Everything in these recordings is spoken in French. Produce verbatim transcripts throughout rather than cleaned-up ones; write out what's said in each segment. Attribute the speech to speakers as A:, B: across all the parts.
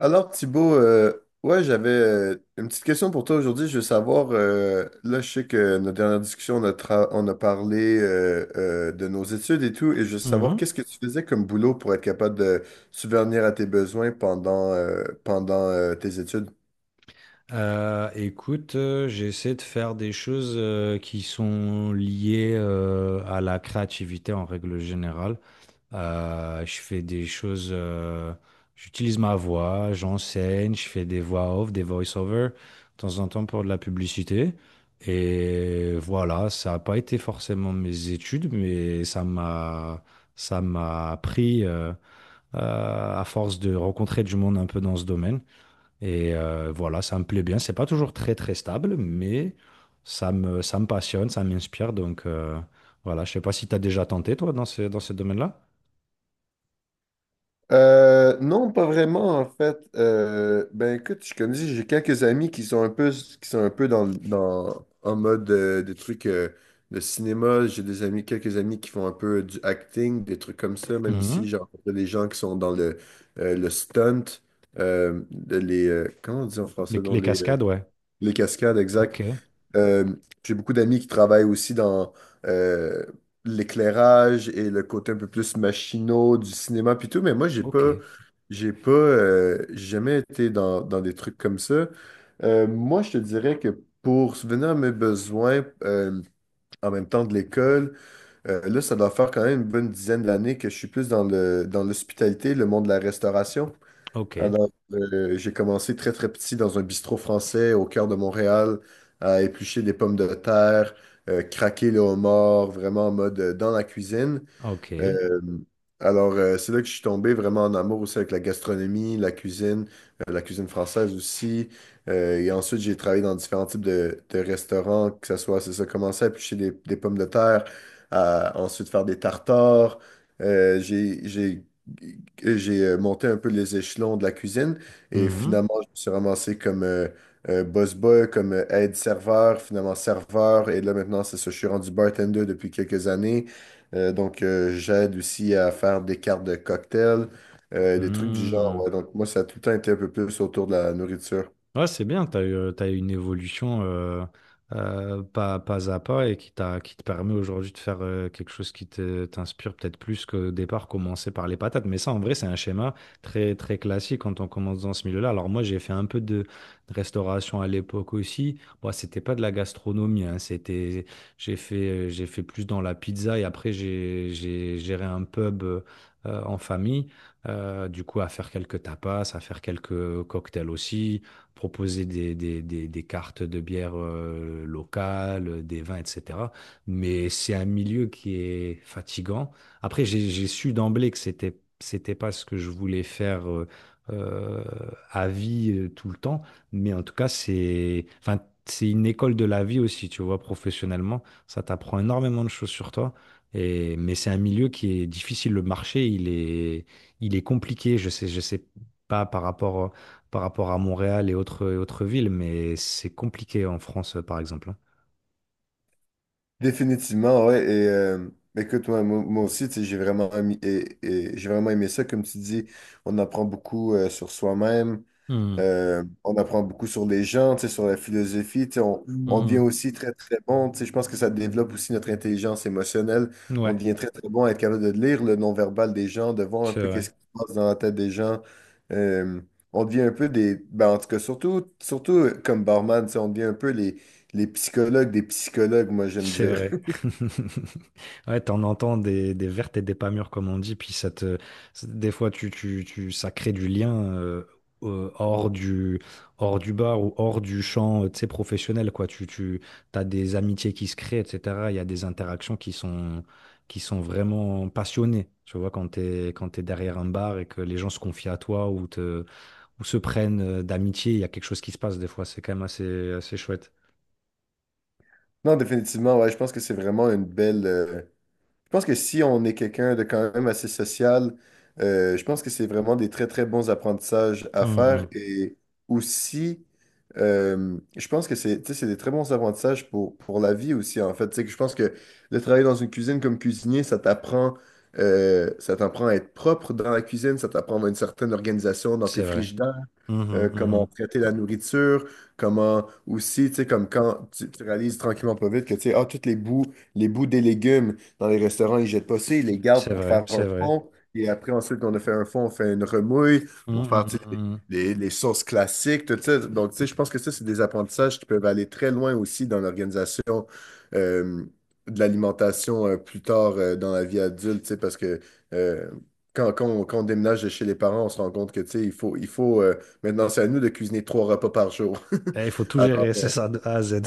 A: Alors Thibaut, euh, ouais, j'avais euh, une petite question pour toi aujourd'hui. Je veux savoir, euh, là je sais que notre dernière discussion, on a, tra- on a parlé euh, euh, de nos études et tout, et je veux savoir
B: Mhm.
A: qu'est-ce que tu faisais comme boulot pour être capable de subvenir à tes besoins pendant, euh, pendant euh, tes études.
B: Euh, écoute, euh, j'essaie de faire des choses euh, qui sont liées euh, à la créativité en règle générale. Euh, je fais des choses, euh, j'utilise ma voix, j'enseigne, je fais des voix off, des voice-over, de temps en temps pour de la publicité. Et voilà, ça n'a pas été forcément mes études, mais ça m'a, ça m'a appris euh, euh, à force de rencontrer du monde un peu dans ce domaine. Et euh, voilà, ça me plaît bien. C'est pas toujours très très stable, mais ça me, ça me passionne, ça m'inspire. Donc euh, voilà, je sais pas si tu as déjà tenté, toi, dans ce, dans ce domaine-là.
A: Euh, non, pas vraiment en fait. Euh, ben écoute, je connais, j'ai quelques amis qui sont un peu, qui sont un peu dans, dans en mode euh, des trucs euh, de cinéma. J'ai des amis, quelques amis qui font un peu du acting, des trucs comme ça. Même ici,
B: Mhm.
A: j'ai rencontré des gens qui sont dans le euh, le stunt, euh, de les euh, comment on dit en
B: Les,
A: français, dans
B: les
A: les euh,
B: cascades, ouais.
A: les cascades,
B: Ok,
A: exact. Euh, j'ai beaucoup d'amis qui travaillent aussi dans euh, l'éclairage et le côté un peu plus machinot du cinéma puis tout, mais moi j'ai
B: ok,
A: pas j'ai pas euh, j'ai jamais été dans, dans des trucs comme ça. Euh, moi je te dirais que pour subvenir à mes besoins euh, en même temps de l'école, euh, là ça doit faire quand même une bonne dizaine d'années que je suis plus dans le dans l'hospitalité, le monde de la restauration.
B: ok,
A: Alors, euh, j'ai commencé très très petit dans un bistrot français au cœur de Montréal à éplucher des pommes de terre, euh, craquer le homard, vraiment en mode euh, dans la cuisine.
B: ok.
A: Euh, alors, euh, c'est là que je suis tombé vraiment en amour aussi avec la gastronomie, la cuisine, euh, la cuisine française aussi. Euh, et ensuite, j'ai travaillé dans différents types de, de restaurants, que ce soit, c'est ça, commencer à éplucher des, des pommes de terre, à ensuite faire des tartares. Euh, j'ai, j'ai, j'ai euh, Monté un peu les échelons de la cuisine et
B: Mhm.
A: finalement, je me suis ramassé comme euh, euh, boss boy, comme euh, aide-serveur, finalement serveur. Et là, maintenant, c'est ça, je suis rendu bartender depuis quelques années. Euh, donc, euh, j'aide aussi à faire des cartes de cocktails, euh, des trucs du genre.
B: Mhm.
A: Ouais. Donc, moi, ça a tout le temps été un peu plus autour de la nourriture.
B: Ouais, c'est bien, tu as eu, t'as eu une évolution euh, euh, pas, pas à pas et qui t'a, qui te permet aujourd'hui de faire euh, quelque chose qui te- t'inspire peut-être plus qu'au départ, commencer par les patates. Mais ça, en vrai, c'est un schéma très, très classique quand on commence dans ce milieu-là. Alors moi, j'ai fait un peu de de restauration à l'époque aussi. Bon, c'était pas de la gastronomie, hein, c'était, j'ai fait, euh, j'ai fait plus dans la pizza et après, j'ai, j'ai géré un pub euh, en famille. Euh, du coup, à faire quelques tapas, à faire quelques cocktails aussi proposer des, des- des- des cartes de bière euh, locales, euh, des vins, et cetera. Mais c'est un milieu qui est fatigant. Après, j'ai, j'ai su d'emblée que c'était, c'était pas ce que je voulais faire euh, euh, à vie euh, tout le temps. Mais en tout cas, c'est, enfin, c'est une école de la vie aussi, tu vois, professionnellement. Ça t'apprend énormément de choses sur toi. Et, mais c'est un milieu qui est difficile. Le marché, il est, il est compliqué. Je sais, je sais pas par rapport par rapport à Montréal et autres, et autres villes, mais c'est compliqué en France, euh, par exemple, hein.
A: Définitivement, ouais. Et euh, écoute, moi, moi- moi aussi, tu sais, j'ai vraiment, ami- et- et j'ai vraiment aimé ça. Comme tu dis, on apprend beaucoup euh, sur soi-même.
B: Hmm.
A: Euh, on apprend beaucoup sur les gens, tu sais, sur la philosophie. Tu sais, On, on devient aussi très, très bon. Tu sais, je pense que ça développe aussi notre intelligence émotionnelle.
B: Mhm.
A: On
B: Ouais,
A: devient très, très bon à être capable de lire le non-verbal des gens, de voir un
B: c'est
A: peu
B: vrai.
A: qu'est-ce qui se passe dans la tête des gens. Euh, on devient un peu des... ben, en tout cas, surtout, surtout euh, comme barman, tu sais, on devient un peu les, les psychologues des psychologues, moi, j'aime
B: C'est
A: dire.
B: vrai. Ouais, t'en entends des, des vertes et des pas mûres, comme on dit, puis ça te, des fois, tu, tu, tu, ça crée du lien euh, euh, hors du, hors du bar ou hors du champ, euh, tu sais, professionnel, quoi. Tu, tu, t'as des amitiés qui se créent, et cetera. Il y a des interactions qui sont, qui sont vraiment passionnées, tu vois, quand t'es, quand t'es derrière un bar et que les gens se confient à toi ou te, ou se prennent euh, d'amitié, il y a quelque chose qui se passe des fois. C'est quand même assez, assez chouette.
A: Non, définitivement, ouais, je pense que c'est vraiment une belle... euh, Je pense que si on est quelqu'un de quand même assez social, euh, je pense que c'est vraiment des très, très bons apprentissages à faire.
B: Mhm.
A: Et aussi, euh, je pense que c'est, tu sais, c'est des très bons apprentissages pour, pour la vie aussi, en fait. Tu sais, que je pense que de travailler dans une cuisine comme cuisinier, ça t'apprend, euh, ça t'apprend à être propre dans la cuisine, ça t'apprend à une certaine organisation dans tes
B: C'est vrai.
A: frigidaires euh,
B: Mhm,
A: comment
B: mhm.
A: traiter la nourriture, comment aussi, tu sais, comme quand tu, tu réalises tranquillement pas vite que, tu sais, ah, toutes les bouts, les bouts des légumes dans les restaurants, ils jettent pas ça, ils les gardent
B: C'est
A: pour
B: vrai,
A: faire un
B: c'est vrai.
A: fond. Et après, ensuite qu'on a fait un fond, on fait une remouille
B: Hum,
A: pour faire,
B: hum,
A: tu
B: hum,
A: sais,
B: hum.
A: les, les sauces classiques, tout ça. Donc, tu sais, je pense que ça, c'est des apprentissages qui peuvent aller très loin aussi dans l'organisation euh, de l'alimentation euh, plus tard euh, dans la vie adulte, tu sais, parce que euh, quand, quand on, quand on déménage de chez les parents, on se rend compte que, tu sais, il faut, il faut euh, maintenant, c'est à nous de cuisiner trois repas par jour.
B: Eh, il faut tout
A: Alors,
B: gérer, c'est ça, de A à Z.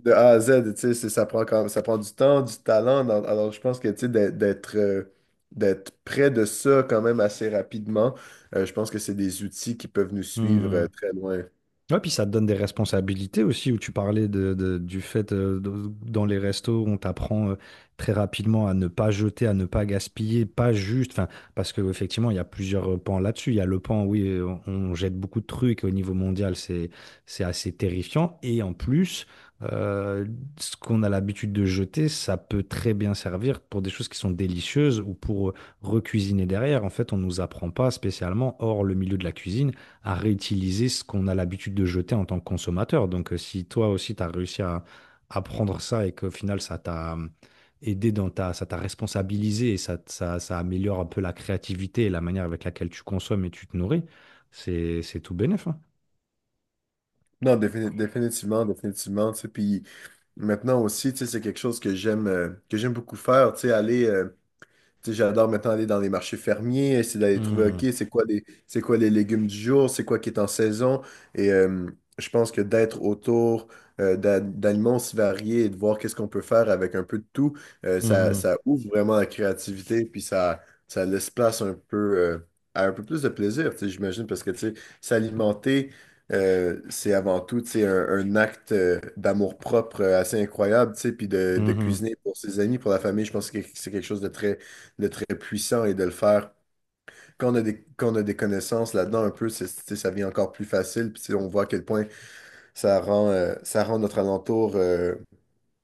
A: de A à Z, tu sais, c'est- ça prend quand ça prend du temps, du talent. Dans- alors, je pense que, tu sais, d'être d'être euh, d'être près de ça quand même assez rapidement, euh, je pense que c'est des outils qui peuvent nous suivre euh,
B: Hum.
A: très loin.
B: Ouais, puis ça te donne des responsabilités aussi, où tu parlais de, de- du fait, euh, de- dans les restos, on t'apprend euh, très rapidement à ne pas jeter, à ne pas gaspiller, pas juste, enfin, parce qu'effectivement, il y a plusieurs euh, pans là-dessus. Il y a le pan, oui, euh, on, on jette beaucoup de trucs au niveau mondial, c'est, c'est assez terrifiant. Et en plus, euh, ce qu'on a l'habitude de jeter, ça peut très bien servir pour des choses qui sont délicieuses ou pour euh, recuisiner derrière. En fait, on nous apprend pas spécialement, hors le milieu de la cuisine à réutiliser ce qu'on a l'habitude de jeter en tant que consommateur. Donc, euh, si toi aussi, tu as réussi à apprendre ça et qu'au final, ça t'a euh, aidé dans ta, ça t'a responsabilisé et ça, t- ça, ça améliore un peu la créativité et la manière avec laquelle tu consommes et tu te nourris, c'est, c'est tout bénef, hein.
A: Non, défini- définitivement, définitivement, tu sais. Puis maintenant aussi, tu sais, c'est quelque chose que j'aime euh, que j'aime beaucoup faire, tu sais, aller... euh, Tu sais, j'adore maintenant aller dans les marchés fermiers, essayer d'aller trouver, OK,
B: Mhm.
A: c'est quoi les, c'est quoi les légumes du jour, c'est quoi qui est en saison. Et euh, je pense que d'être autour euh, d'a- d'aliments aussi variés et de voir qu'est-ce qu'on peut faire avec un peu de tout, euh, ça,
B: Mhm.
A: ça ouvre vraiment la créativité, puis ça, ça laisse place un peu euh, à un peu plus de plaisir, tu sais, j'imagine, parce que tu sais, s'alimenter, euh, c'est avant tout tu sais, un, un acte euh, d'amour-propre euh, assez incroyable, tu sais, puis de, de
B: Mhm.
A: cuisiner pour ses amis, pour la famille, je pense que c'est quelque chose de très de très puissant et de le faire. Quand on a des, quand on a des connaissances là-dedans, un peu, c'est- c'est- ça devient encore plus facile. Puis tu sais, on voit à quel point ça rend, euh, ça rend notre alentour, euh,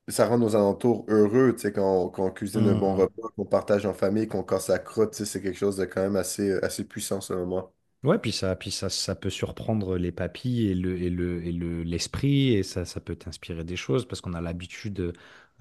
A: ça rend nos alentours heureux. Tu sais, quand on, quand on cuisine un bon
B: Mhm.
A: repas, qu'on partage en famille, qu'on casse la croûte, tu sais, c'est quelque chose de quand même assez, euh, assez puissant selon moi.
B: Ouais, puis ça, puis ça, ça peut surprendre les papilles et le, et le, et le, l'esprit, et ça, ça peut t'inspirer des choses parce qu'on a l'habitude,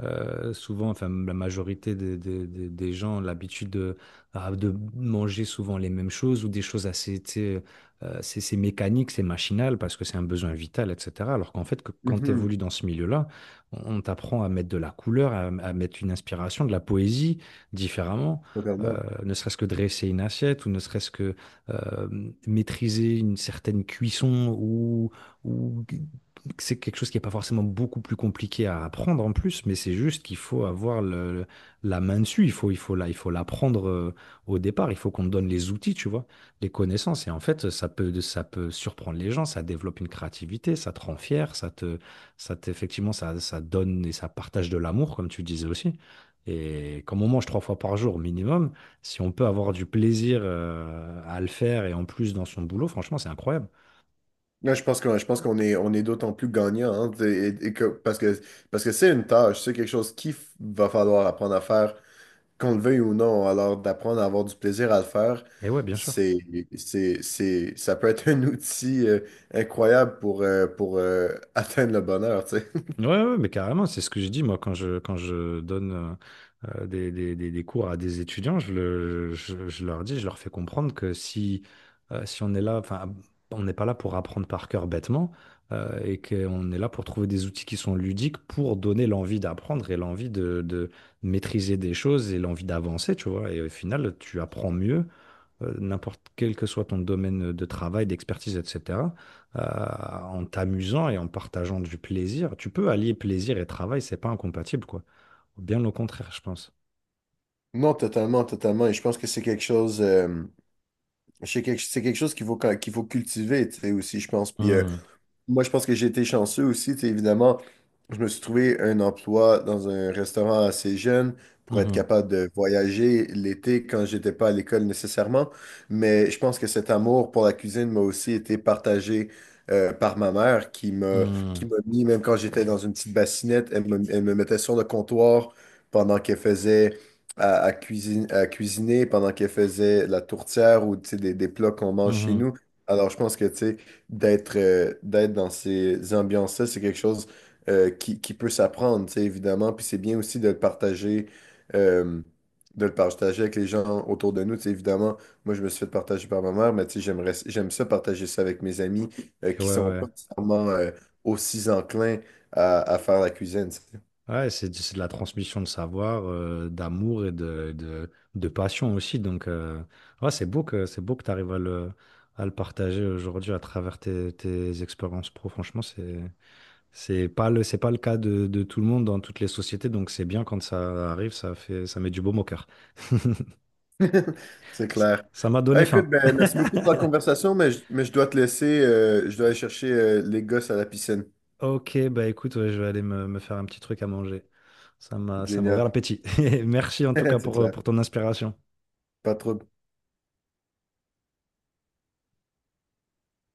B: euh, souvent, enfin, la majorité des, des, des des gens ont l'habitude de, ah, de manger souvent les mêmes choses ou des choses assez, tu sais, euh, c'est c'est mécanique, c'est machinal parce que c'est un besoin vital, et cetera. Alors qu'en fait, que, quand tu
A: Mhm,
B: évolues dans ce milieu-là, on, on t'apprend à mettre de la couleur, à, à mettre une inspiration, de la poésie différemment, euh,
A: totalement.
B: ne serait-ce que dresser une assiette ou ne serait-ce que euh, maîtriser une certaine cuisson ou, ou c'est quelque chose qui n'est pas forcément beaucoup plus compliqué à apprendre en plus, mais c'est juste qu'il faut avoir le- la main dessus, il faut, il faut, la- il faut l'apprendre euh, au départ, il faut qu'on te donne les outils, tu vois, les connaissances. Et en fait, ça peut, ça peut surprendre les gens, ça développe une créativité, ça te rend fier, ça te, ça te- effectivement, ça, ça donne et ça partage de l'amour, comme tu disais aussi. Et comme on mange trois fois par jour minimum, si on peut avoir du plaisir euh, à le faire et en plus dans son boulot, franchement, c'est incroyable.
A: Là, je pense qu'on, je pense qu'on est, on est d'autant plus gagnant, hein, et- et que- parce que, parce que c'est une tâche, c'est quelque chose qu'il f- va falloir apprendre à faire qu'on le veuille ou non. Alors, d'apprendre à avoir du plaisir à le faire,
B: Et ouais, bien sûr.
A: c'est, c'est, c'est, ça peut être un outil euh, incroyable pour, euh, pour euh, atteindre le bonheur, tu sais.
B: Ouais, ouais, ouais, mais carrément, c'est ce que je dis moi quand je, quand je donne euh, euh, des, des- des- des cours à des étudiants, je, le- je- je leur dis, je leur fais comprendre que si, euh, si on est là, enfin, on n'est pas là pour apprendre par cœur bêtement euh, et qu'on est là pour trouver des outils qui sont ludiques pour donner l'envie d'apprendre et l'envie de, de maîtriser des choses et l'envie d'avancer, tu vois. Et au final, tu apprends mieux euh, n'importe quel que soit ton domaine de travail, d'expertise, et cetera, euh, en t'amusant et en partageant du plaisir, tu peux allier plaisir et travail, c'est pas incompatible, quoi. Bien au contraire, je pense.
A: Non, totalement, totalement. Et je pense que c'est quelque chose, euh, c'est quelque, c'est quelque chose qu'il faut, qu'il faut cultiver, tu sais, aussi, je pense. Puis, euh,
B: Mhm,
A: moi, je pense que j'ai été chanceux aussi. Tu sais, évidemment, je me suis trouvé un emploi dans un restaurant assez jeune pour être
B: mhm,
A: capable de voyager l'été quand j'étais pas à l'école nécessairement. Mais je pense que cet amour pour la cuisine m'a aussi été partagé euh, par ma mère qui m'a qui
B: mhm,
A: m'a mis, même quand j'étais dans une petite bassinette, elle me, elle me mettait sur le comptoir pendant qu'elle faisait à, à cuisine, à cuisiner, pendant qu'elle faisait la tourtière ou tu sais, des, des plats qu'on mange chez
B: mhm.
A: nous. Alors, je pense que tu sais, d'être euh, d'être dans ces ambiances-là, c'est quelque chose euh, qui, qui peut s'apprendre, tu sais, évidemment. Puis c'est bien aussi de le partager, euh, de le partager avec les gens autour de nous. Tu sais, évidemment, moi, je me suis fait partager par ma mère, mais tu sais, j'aimerais, j'aime ça partager ça avec mes amis euh,
B: Et ouais,
A: qui sont
B: ouais.
A: pas nécessairement euh, aussi enclins à, à faire la cuisine. Tu
B: Ouais, c'est c'est de la transmission de savoir, euh, d'amour et de, de, de passion aussi. Donc, euh, ouais, c'est beau que, c'est beau que tu arrives à le, à le partager aujourd'hui à travers tes, tes expériences pro. Franchement, c'est, C'est pas le, c'est pas le cas de, de tout le monde dans toutes les sociétés, donc c'est bien quand ça arrive, ça fait, ça met du baume au cœur.
A: sais. C'est
B: Ça
A: clair.
B: Ça m'a
A: Ah,
B: donné faim.
A: écoute, ben, merci beaucoup pour la conversation, mais je, mais je dois te laisser. Euh, je dois aller chercher euh, les gosses à la piscine.
B: Ok, bah écoute, ouais, je vais aller me, me faire un petit truc à manger. Ça m'a, ça m'a ouvert
A: Génial.
B: l'appétit. Merci en tout cas
A: C'est
B: pour, euh,
A: clair.
B: pour ton inspiration.
A: Pas trop.